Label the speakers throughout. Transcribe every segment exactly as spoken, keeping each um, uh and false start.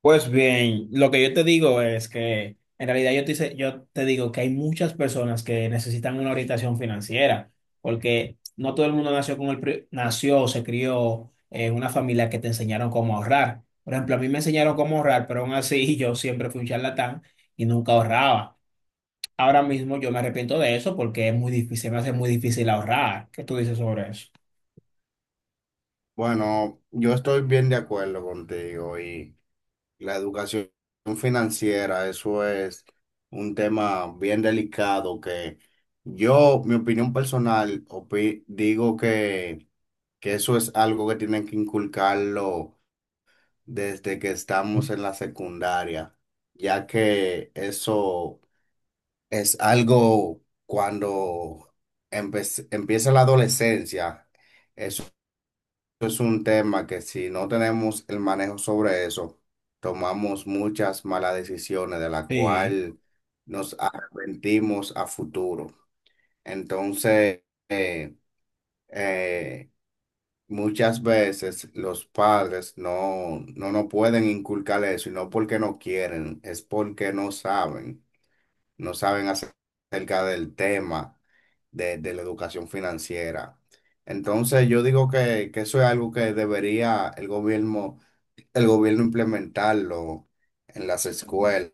Speaker 1: Pues bien, lo que yo te digo es que en realidad yo te, hice- yo te digo que hay muchas personas que necesitan una orientación financiera, porque no todo el mundo nació con el, pri- nació o se crió en una familia que te enseñaron cómo ahorrar. Por ejemplo, a mí me enseñaron cómo ahorrar, pero aún así yo siempre fui un charlatán y nunca ahorraba. Ahora mismo yo me arrepiento de eso porque es muy difícil, se me hace muy difícil ahorrar. ¿Qué tú dices sobre eso?
Speaker 2: Bueno, yo estoy bien de acuerdo contigo y la educación financiera, eso es un tema bien delicado que yo, mi opinión personal, opi- digo que, que eso es algo que tienen que inculcarlo desde que estamos en la secundaria, ya que eso es algo cuando empe- empieza la adolescencia, eso es un tema que si no tenemos el manejo sobre eso, tomamos muchas malas decisiones de la
Speaker 1: Sí.
Speaker 2: cual nos arrepentimos a futuro. Entonces, eh, eh, muchas veces los padres no, no nos pueden inculcar eso y no porque no quieren, es porque no saben no saben acerca del tema de, de la educación financiera. Entonces yo digo que, que eso es algo que debería el gobierno, el gobierno implementarlo en las escuelas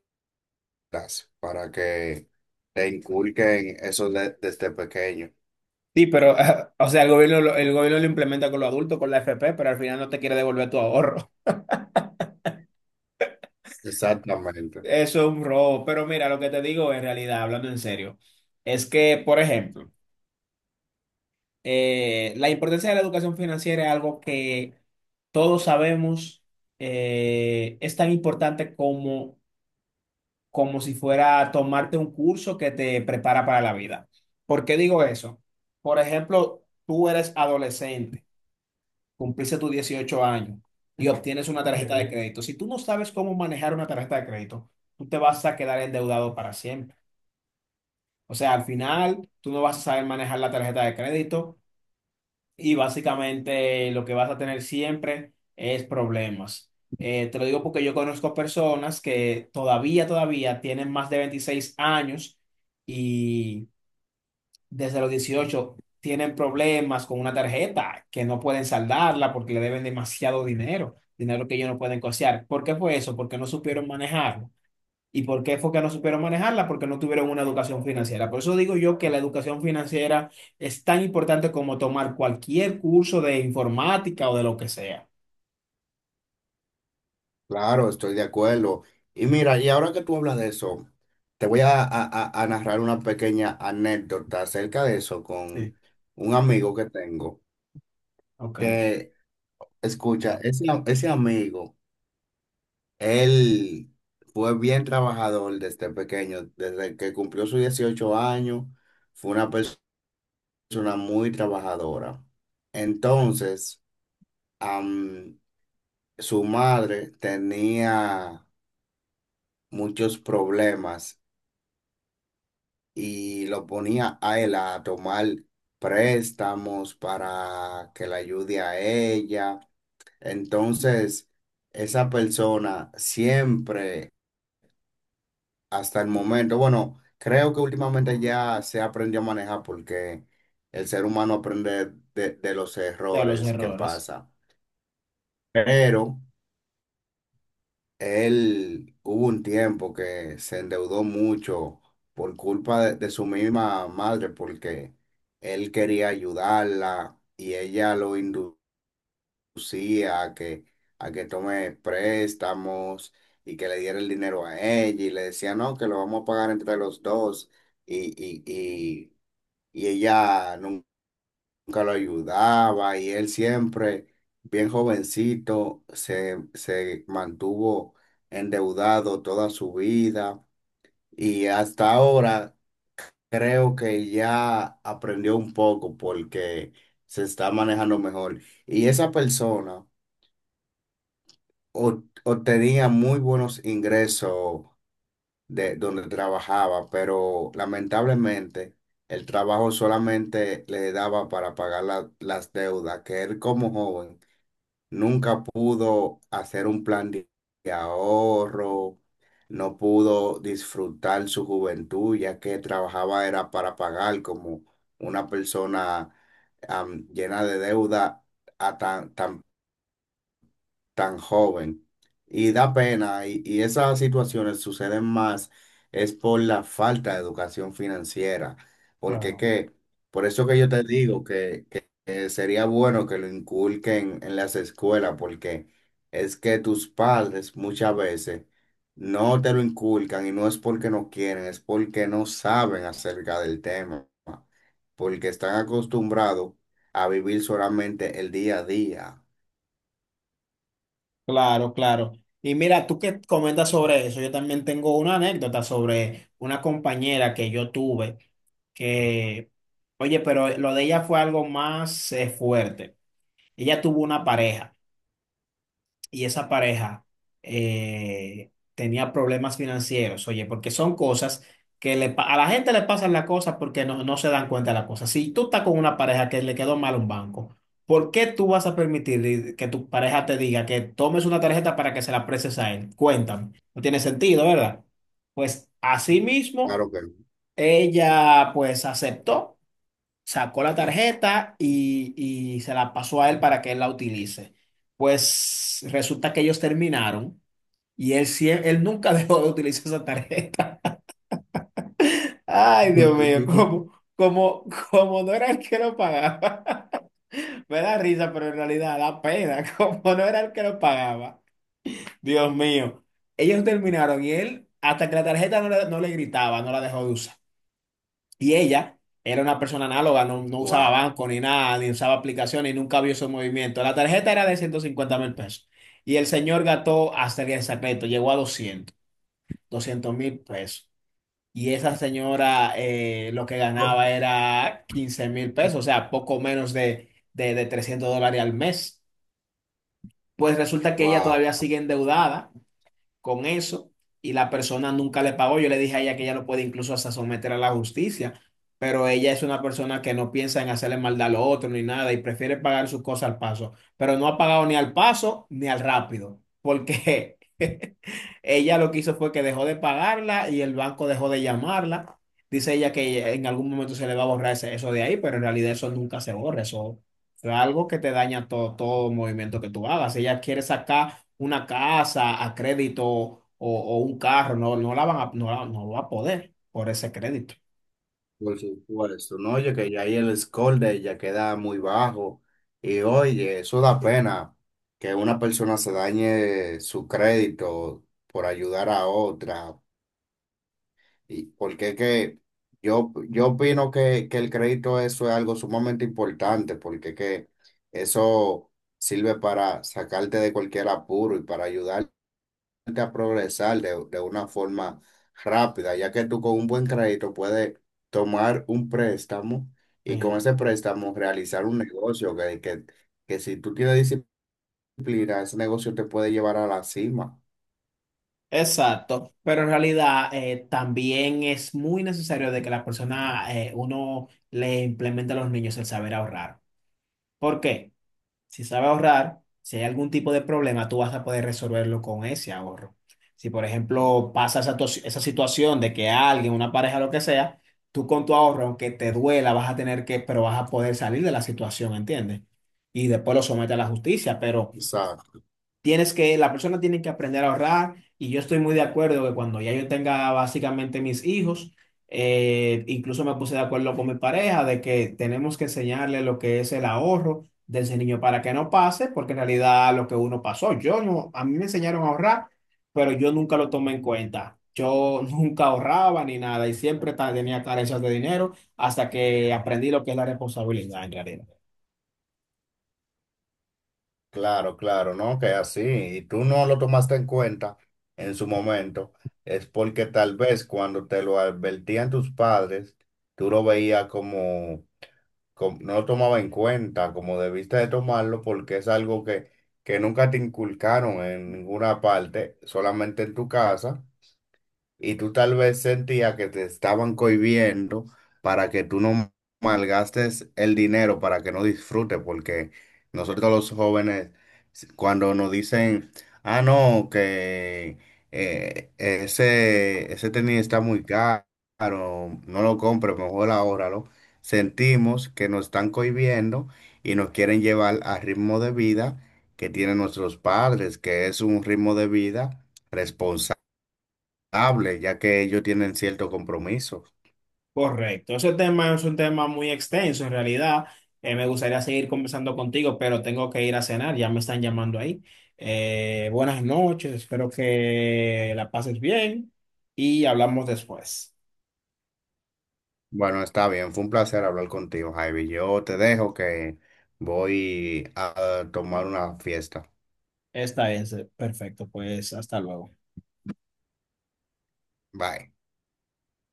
Speaker 2: para que le inculquen eso de- desde pequeño.
Speaker 1: Sí, pero, o sea, el gobierno, lo- el gobierno lo implementa con los adultos, con la F P, pero al final no te quiere devolver tu ahorro.
Speaker 2: Exactamente.
Speaker 1: Eso es un robo. Pero mira, lo que te digo en realidad, hablando en serio, es que, por ejemplo, eh, la importancia de la educación financiera es algo que todos sabemos. Eh, es tan importante como, como si fuera tomarte un curso que te prepara para la vida. ¿Por qué digo eso? Por ejemplo, tú eres adolescente, cumpliste tus dieciocho años y obtienes una tarjeta de crédito. Si tú no sabes cómo manejar una tarjeta de crédito, tú te vas a quedar endeudado para siempre. O sea, al final, tú no vas a saber manejar la tarjeta de crédito y básicamente lo que vas a tener siempre es problemas. Eh, te lo digo porque yo conozco personas que todavía, todavía tienen más de veintiséis años y desde los dieciocho tienen problemas con una tarjeta que no pueden saldarla porque le deben demasiado dinero, dinero que ellos no pueden costear. ¿Por qué fue eso? Porque no supieron manejarlo. ¿Y por qué fue que no supieron manejarla? Porque no tuvieron una educación financiera. Por eso digo yo que la educación financiera es tan importante como tomar cualquier curso de informática o de lo que sea.
Speaker 2: Claro, estoy de acuerdo. Y mira, y ahora que tú hablas de eso, te voy a, a a- a narrar una pequeña anécdota acerca de eso
Speaker 1: Sí.
Speaker 2: con un amigo que tengo.
Speaker 1: Ok, de
Speaker 2: Que Escucha, ese, ese amigo, él fue bien trabajador desde pequeño, desde que cumplió sus dieciocho años, fue una persona muy trabajadora. Entonces, am, su madre tenía muchos problemas y lo ponía a él a tomar préstamos para que la ayude a ella. Entonces, esa persona siempre. Hasta el momento, bueno, creo que últimamente ya se aprendió a manejar porque el ser humano aprende de, de los
Speaker 1: los
Speaker 2: errores que
Speaker 1: errores.
Speaker 2: pasa. Pero él hubo un tiempo que se endeudó mucho por culpa de, de su misma madre porque él quería ayudarla y ella lo indujo. Lucía a que, a que tome préstamos y que le diera el dinero a ella y le decía, no, que lo vamos a pagar entre los dos y, y, y, y ella nun- nunca lo ayudaba y él siempre, bien jovencito, se, se mantuvo endeudado toda su vida y hasta ahora creo que ya aprendió un poco porque se está manejando mejor. Y esa persona o- o tenía muy buenos ingresos de donde trabajaba, pero lamentablemente el trabajo solamente le daba para pagar la- las deudas, que él como joven nunca pudo hacer un plan de de ahorro, no pudo disfrutar su juventud, ya que trabajaba era para pagar como una persona am, llena de deuda a tan también tan joven. Y da pena, y, y esas situaciones suceden más es por la falta de educación financiera, porque
Speaker 1: Claro.
Speaker 2: que, por eso que yo te digo que, que- que sería bueno que lo inculquen en las escuelas, porque es que tus padres muchas veces no te lo inculcan y no es porque no quieren, es porque no saben acerca del tema, porque están acostumbrados a vivir solamente el día a día.
Speaker 1: Claro, claro. Y mira, tú que comentas sobre eso, yo también tengo una anécdota sobre una compañera que yo tuve, que, oye, pero lo de ella fue algo más eh, fuerte. Ella tuvo una pareja y esa pareja eh, tenía problemas financieros. Oye, porque son cosas que le, pa- a la gente le pasan las cosas porque no, no se dan cuenta de las cosas. Si tú estás con una pareja que le quedó mal un banco, ¿por qué tú vas a permitir que tu pareja te diga que tomes una tarjeta para que se la prestes a él? Cuéntame, no tiene sentido, ¿verdad? Pues así mismo,
Speaker 2: Claro que no.
Speaker 1: ella pues aceptó, sacó la tarjeta y, y se la pasó a él para que él la utilice. Pues resulta que ellos terminaron y él, sie- él nunca dejó de utilizar esa tarjeta. Ay, Dios mío, como, como, como no era el que lo pagaba. Me da risa, pero en realidad da pena, como no era el que lo pagaba. Dios mío, ellos terminaron y él, hasta que la tarjeta no le, no le gritaba, no la dejó de usar. Y ella era una persona análoga, no, no usaba
Speaker 2: Wow,
Speaker 1: banco ni nada, ni usaba aplicaciones y nunca vio su movimiento. La tarjeta era de ciento cincuenta mil pesos. Y el señor gastó hasta el día del secreto, llegó a doscientos, doscientos mil pesos. Y esa señora eh, lo que ganaba era quince mil pesos, o sea, poco menos de, de, de trescientos dólares al mes. Pues resulta que ella
Speaker 2: wow,
Speaker 1: todavía sigue endeudada con eso y la persona nunca le pagó. Yo le dije a ella que ella lo puede incluso hasta someter a la justicia, pero ella es una persona que no piensa en hacerle maldad a lo otro ni nada y prefiere pagar sus cosas al paso, pero no ha pagado ni al paso ni al rápido, porque ella lo que hizo fue que dejó de pagarla y el banco dejó de llamarla. Dice ella que en algún momento se le va a borrar ese- eso de ahí, pero en realidad eso nunca se borra. Eso es algo que te daña todo, todo movimiento que tú hagas. Ella quiere sacar una casa a crédito o, o un carro. No, no la van a, no, la- No va a poder por ese crédito.
Speaker 2: por supuesto. No, oye, que ya ahí el score de ella queda muy bajo. Y oye, eso da pena que una persona se dañe su crédito por ayudar a otra. Y porque es que yo, yo opino que, que el crédito eso es algo sumamente importante, porque que eso sirve para sacarte de cualquier apuro y para ayudar a progresar de, de una forma rápida, ya que tú con un buen crédito puedes tomar un préstamo y con
Speaker 1: Sí.
Speaker 2: ese préstamo realizar un negocio que, que, que si tú tienes disciplina, ese negocio te puede llevar a la cima.
Speaker 1: Exacto, pero en realidad eh, también es muy necesario de que la persona, eh, uno le implemente a los niños el saber ahorrar. ¿Por qué? Si sabes ahorrar, si hay algún tipo de problema, tú vas a poder resolverlo con ese ahorro. Si, por ejemplo, pasa esa, tos- esa situación de que alguien, una pareja, lo que sea, tú con tu ahorro, aunque te duela, vas a tener que, pero vas a poder salir de la situación, ¿entiendes? Y después lo sometes a la justicia, pero...
Speaker 2: Exacto.
Speaker 1: Tienes que, la persona tiene que aprender a ahorrar y yo estoy muy de acuerdo que cuando ya yo tenga básicamente mis hijos, eh, incluso me puse de acuerdo con mi pareja de que tenemos que enseñarle lo que es el ahorro de ese niño para que no pase, porque en realidad lo que uno pasó, yo no, a mí me enseñaron a ahorrar, pero yo nunca lo tomé en cuenta. Yo nunca ahorraba ni nada y siempre ta- tenía carencias de dinero hasta que aprendí lo que es la responsabilidad en realidad.
Speaker 2: Claro, claro, ¿no? Que así, y tú no lo tomaste en cuenta en su momento, es porque tal vez cuando te lo advertían tus padres, tú lo veías como com- no lo tomaba en cuenta como debiste de tomarlo porque es algo que, que nunca te inculcaron en ninguna parte, solamente en tu casa y tú tal vez sentías que te estaban cohibiendo para que tú no malgastes el dinero, para que no disfrutes, porque nosotros los jóvenes, s- cuando nos dicen, ah, no, que eh, ese, ese tenis está muy caro, no lo compres, mejor ahórralo, sentimos que nos están cohibiendo y nos quieren llevar al ritmo de vida que tienen nuestros padres, que es un ritmo de vida responsable hable, ya que ellos tienen cierto compromiso.
Speaker 1: Correcto, ese tema es un tema muy extenso en realidad. Eh, me gustaría seguir conversando contigo, pero tengo que ir a cenar, ya me están llamando ahí. Eh, buenas noches, espero que la pases bien y hablamos después.
Speaker 2: Bueno, está bien, fue un placer hablar contigo, Javi. Yo te dejo que voy a tomar una fiesta.
Speaker 1: Está es, eh, perfecto, pues hasta luego.
Speaker 2: Bye.